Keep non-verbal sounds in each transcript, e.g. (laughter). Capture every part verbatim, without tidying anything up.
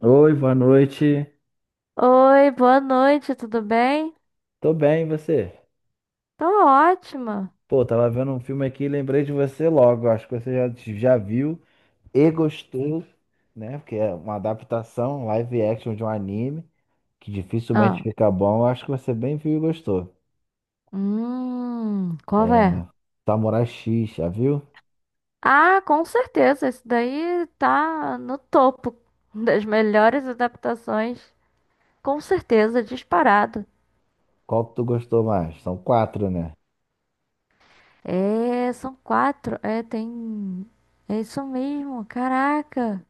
Oi, boa noite. Oi, boa noite, tudo bem? Tô bem, e você? Tô ótima. Pô, tava vendo um filme aqui e lembrei de você logo. Acho que você já, já viu e gostou, né? Porque é uma adaptação live action de um anime que dificilmente Ah, fica bom. Eu acho que você bem viu e gostou. hum, qual É é? Samurai X, já viu? Ah, com certeza, esse daí tá no topo das melhores adaptações. Com certeza, disparado. Qual que tu gostou mais? São quatro, né? É, são quatro. É, tem. É isso mesmo, caraca.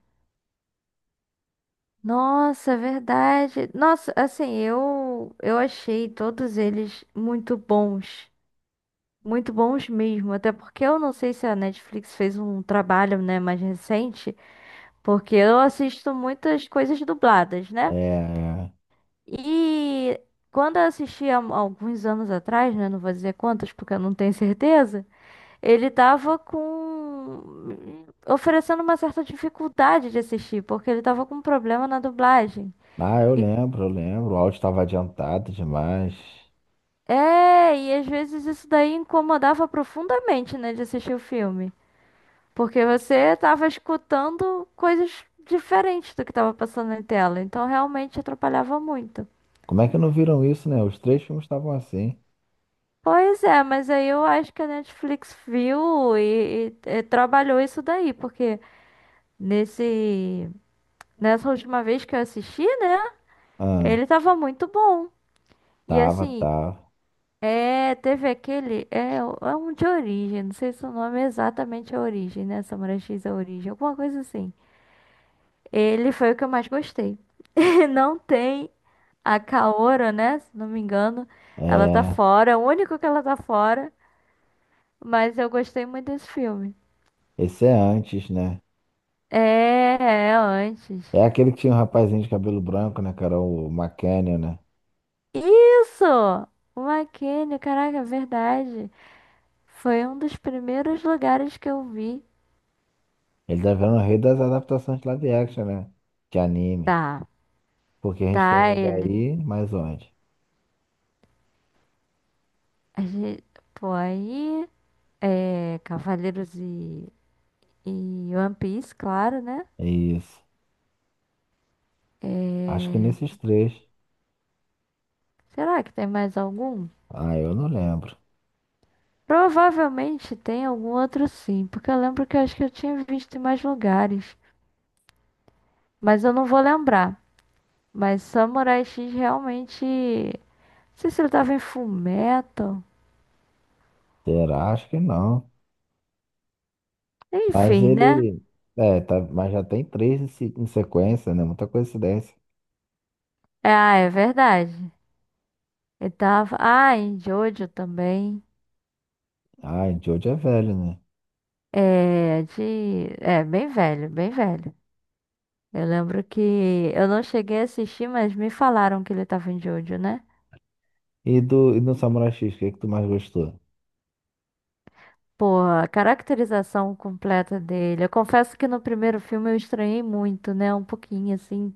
Nossa, é verdade. Nossa, assim, eu eu achei todos eles muito bons. Muito bons mesmo, até porque eu não sei se a Netflix fez um trabalho, né, mais recente, porque eu assisto muitas coisas dubladas, né? É. E quando eu assisti há alguns anos atrás, né, não vou dizer quantos porque eu não tenho certeza, ele tava com oferecendo uma certa dificuldade de assistir, porque ele tava com um problema na dublagem. Ah, eu E lembro, eu lembro. O áudio estava adiantado demais. é, e às vezes isso daí incomodava profundamente, né, de assistir o filme. Porque você estava escutando coisas diferentes do que estava passando na tela, então realmente atrapalhava muito. Como é que não viram isso, né? Os três filmes estavam assim. Pois é, mas aí eu acho que a Netflix viu e, e- e trabalhou isso daí, porque nesse, nessa última vez que eu assisti, né, Ah, ele tava muito bom. E tava, assim, tava. é, teve aquele, é, é um de origem, não sei se o nome é exatamente a origem, né, Samurai X é a origem, alguma coisa assim. Ele foi o que eu mais gostei. (laughs) Não tem a Kaora, né? Se não me engano, ela tá É. fora. É o único que ela tá fora. Mas eu gostei muito desse filme. Esse é antes, né? É, é antes. É aquele que tinha um rapazinho de cabelo branco, né, que era o McKenna, né? Isso! O McKinney, caraca, é verdade. Foi um dos primeiros lugares que eu vi. Ele tá virando o rei das adaptações de live action, né? De anime. Tá, Porque a gente tá, tem ele ele. aí, mas onde? A gente, pô, aí. É, Cavaleiros e, e One Piece, claro, né? É isso. Acho que É, nesses três. será que tem mais algum? Ah, eu não lembro. Provavelmente tem algum outro sim, porque eu lembro que eu acho que eu tinha visto em mais lugares, mas eu não vou lembrar. Mas Samurai X realmente. Não sei se ele tava em Fullmetal. Será? Acho que não. Mas Enfim, né? ele. É, tá... mas já tem três em se- em sequência, né? Muita coincidência. É, ah, é verdade. Ele tava. Ah, em Jojo também. Ah, Jojo é velho, né? É, de. É, bem velho, bem velho. Eu lembro que eu não cheguei a assistir, mas me falaram que ele tava em Jojo, né? E do, e do Samurai X, o que que tu mais gostou? Porra, a caracterização completa dele. Eu confesso que no primeiro filme eu estranhei muito, né? Um pouquinho assim.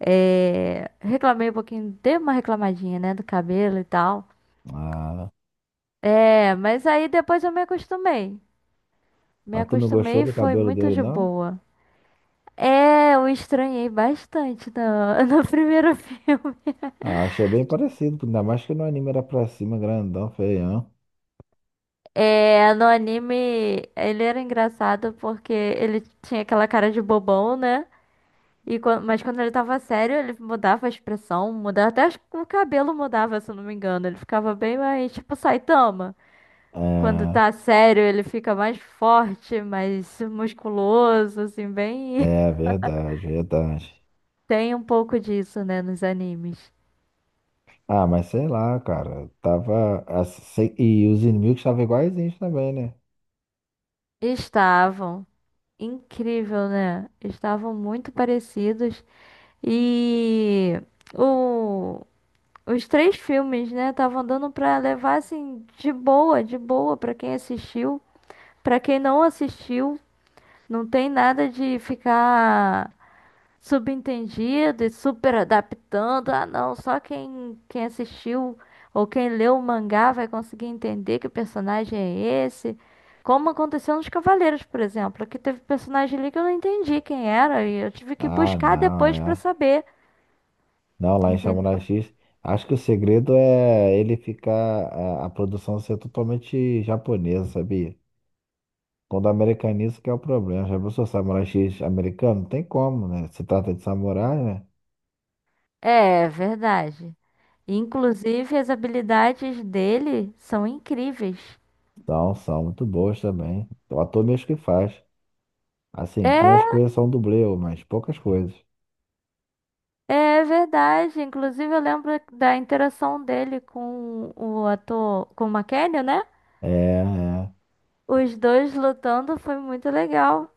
É... Reclamei um pouquinho, dei uma reclamadinha, né? Do cabelo e tal. Ah, É, mas aí depois eu me acostumei. Me mas tu não gostou acostumei e do foi cabelo muito dele, de não? boa. É, eu estranhei bastante no, (laughs) no primeiro filme. Ah, achei bem parecido, ainda mais que no anime era pra cima, grandão, feião. É, no anime ele era engraçado porque ele tinha aquela cara de bobão, né? E quan- mas quando ele tava sério, ele mudava a expressão, mudava até acho que o cabelo mudava, se eu não me engano. Ele ficava bem mais tipo Saitama. Quando É, tá sério, ele fica mais forte, mais musculoso, assim, bem. é (laughs) verdade, verdade. Tem um pouco disso, né, nos animes. Ah, mas sei lá, cara, tava. Assim, sei- e os inimigos estavam iguaizinhos também, né? Estavam incrível, né? Estavam muito parecidos e o os três filmes, né, estavam dando pra levar assim de boa, de boa pra quem assistiu. Pra quem não assistiu, não tem nada de ficar subentendido e super adaptando. Ah, não, só quem, quem assistiu ou quem leu o mangá vai conseguir entender que personagem é esse. Como aconteceu nos Cavaleiros, por exemplo, que teve personagem ali que eu não entendi quem era e eu tive que Ah, buscar não, depois pra é. saber, Não, lá em Samurai entendeu? X, acho que o segredo é ele ficar. A, a produção ser totalmente japonesa, sabia? Quando americaniza que é o problema. Já pensou Samurai X americano? Não tem como, né? Se trata de samurai, né? É verdade. Inclusive, as habilidades dele são incríveis. Então, são muito boas também. O ator mesmo que faz. Assim, algumas É, coisas são dublê, mas poucas coisas. é verdade. Inclusive, eu lembro da interação dele com o ator, com o McKenna, né? É, é. Os dois lutando foi muito legal.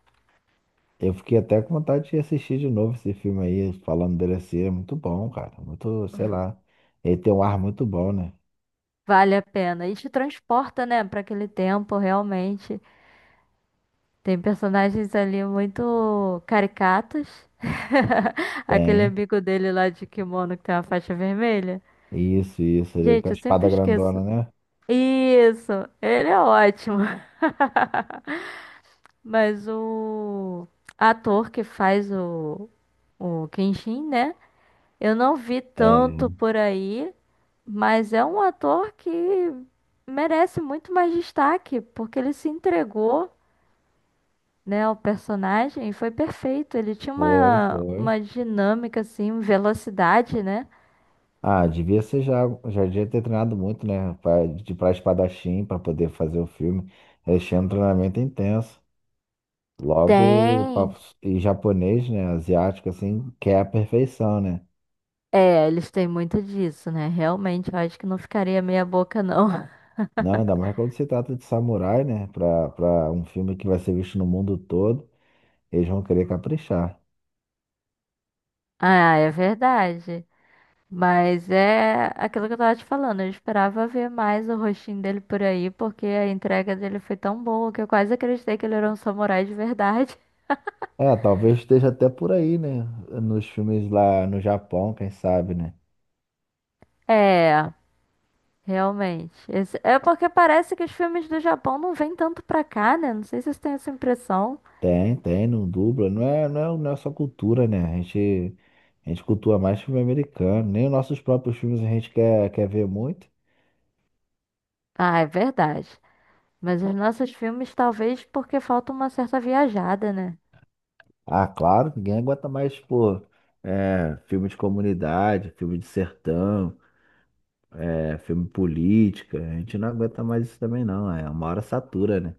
Eu fiquei até com vontade de assistir de novo esse filme aí, falando dele assim. É muito bom, cara. Muito, sei lá. Ele tem um ar muito bom, né? Vale a pena. E te transporta, né, para aquele tempo, realmente. Tem personagens ali muito caricatos. (laughs) Aquele Tem. amigo dele lá de kimono que tem uma faixa vermelha. Isso, isso. Ele é com a Gente, eu espada sempre esqueço. grandona, né? Isso, ele é ótimo. (laughs) Mas o ator que faz o, o Kenshin, né? Eu não vi É, tanto por aí, mas é um ator que merece muito mais destaque, porque ele se entregou, né, ao personagem e foi perfeito. Ele tinha foi, uma, foi. uma dinâmica, assim, velocidade, né? Ah, devia ser já, já devia ter treinado muito, né? Pra, de pra espadachim, pra poder fazer o filme. Eles tinham um treinamento intenso. Logo, pa- Tem. e japonês, né? Asiático, assim, quer a perfeição, né? É, eles têm muito disso, né? Realmente, eu acho que não ficaria meia boca, não. Não, ainda (laughs) mais quando se trata de samurai, né? Pra, pra um filme que vai ser visto no mundo todo, eles vão querer caprichar. Ah, é verdade. Mas é aquilo que eu tava te falando, eu esperava ver mais o rostinho dele por aí, porque a entrega dele foi tão boa que eu quase acreditei que ele era um samurai de verdade. (laughs) É, talvez esteja até por aí, né? Nos filmes lá no Japão, quem sabe, né? É, realmente. Esse- é porque parece que os filmes do Japão não vêm tanto pra cá, né? Não sei se vocês têm essa impressão. Tem, tem, não dubla. Não é, não é, não é só cultura, né? A gente, a gente cultua mais filme americano. Nem os nossos próprios filmes a gente quer, quer ver muito. Ah, é verdade. Mas os nossos filmes, talvez porque falta uma certa viajada, né? Ah, claro, ninguém aguenta mais, pô, é, filme de comunidade, filme de sertão, é, filme política. A gente não aguenta mais isso também, não. É uma hora satura, né?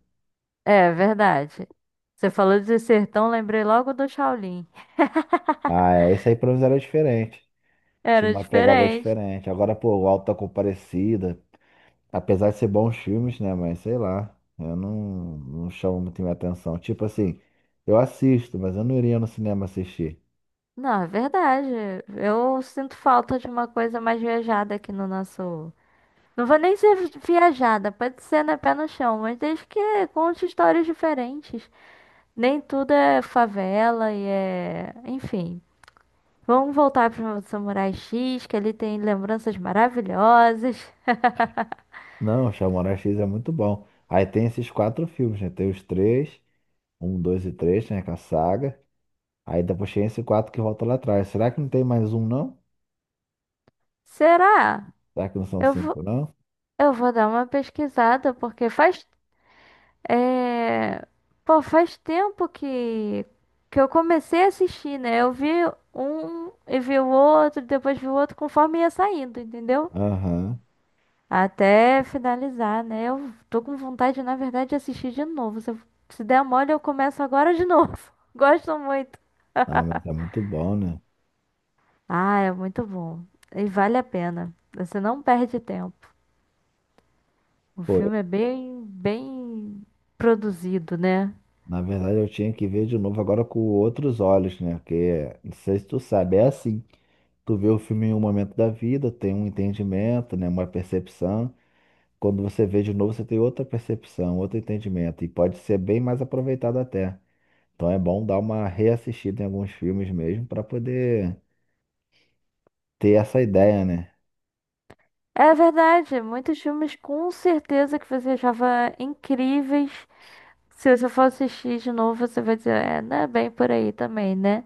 É, verdade. Você falou de sertão, lembrei logo do Shaolin. Ah, é, isso aí pra nós era diferente. Tinha Era uma pegada diferente. diferente. Agora, pô, o Auto da Compadecida, apesar de ser bons filmes, né? Mas sei lá, eu não, não chamo muito minha atenção. Tipo assim, eu assisto, mas eu não iria no cinema assistir. Não, é verdade. Eu sinto falta de uma coisa mais viajada aqui no nosso. Não vou nem ser viajada, pode ser né, pé no chão, mas desde que conte histórias diferentes. Nem tudo é favela e é. Enfim. Vamos voltar para o Samurai X, que ele tem lembranças maravilhosas. Não, Chamoral X é muito bom. Aí tem esses quatro filmes, né? Tem os três. Um, dois e três, né? Com a saga. Aí depois tem esse quatro que volta lá atrás. Será que não tem mais um, não? Será? Será que não são Eu vou, cinco, não? eu vou dar uma pesquisada, porque faz é... Pô, faz tempo que... que eu comecei a assistir, né? Eu vi um e vi o outro, depois vi o outro, conforme ia saindo, entendeu? Aham. Até finalizar, né? Eu tô com vontade, na verdade, de assistir de novo. Se, eu- se der mole, eu começo agora de novo. (laughs) Gosto muito. Ah, mas é muito bom, né? Ah, é muito bom. E vale a pena. Você não perde tempo. O Pô, eu- filme é bem, bem produzido, né? na verdade eu tinha que ver de novo agora com outros olhos, né? Porque, não sei se tu sabe, é assim. Tu vê o filme em um momento da vida, tem um entendimento, né? Uma percepção. Quando você vê de novo, você tem outra percepção, outro entendimento. E pode ser bem mais aproveitado até. Então é bom dar uma reassistida em alguns filmes mesmo para poder ter essa ideia, né? É verdade, muitos filmes com certeza que você achava incríveis. Se você for assistir de novo, você vai dizer, é, não é bem por aí também, né?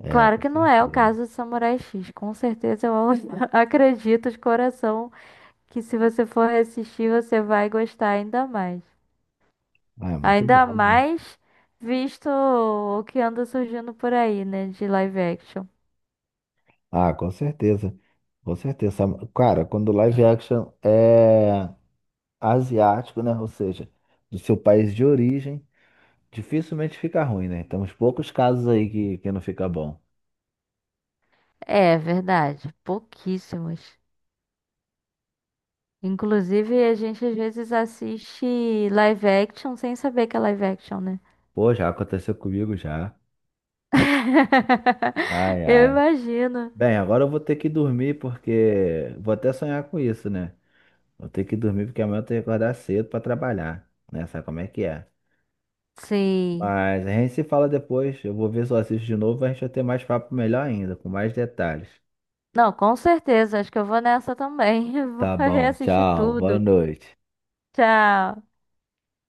É, Claro com que não é o certeza. caso de Samurai X. Com certeza eu (laughs) acredito de coração que se você for assistir, você vai gostar ainda mais. Ah, é muito Ainda bom, né? mais visto o que anda surgindo por aí, né, de live action. Ah, com certeza. Com certeza. Cara, quando live action é asiático, né? Ou seja, do seu país de origem, dificilmente fica ruim, né? Temos poucos casos aí que, que não fica bom. É verdade, pouquíssimos. Inclusive, a gente às vezes assiste live action sem saber que é live action, né? Pô, já aconteceu comigo já. Ai, (laughs) Eu ai. imagino. Bem, agora eu vou ter que dormir porque vou até sonhar com isso, né? Vou ter que dormir porque amanhã eu tenho que acordar cedo pra trabalhar, né? Sabe como é que é? Sim. Mas a gente se fala depois. Eu vou ver se eu assisto de novo. A gente vai ter mais papo melhor ainda, com mais detalhes. Não, com certeza. Acho que eu vou nessa também. (laughs) Vou Tá bom, reassistir tchau, boa tudo. noite. Tchau.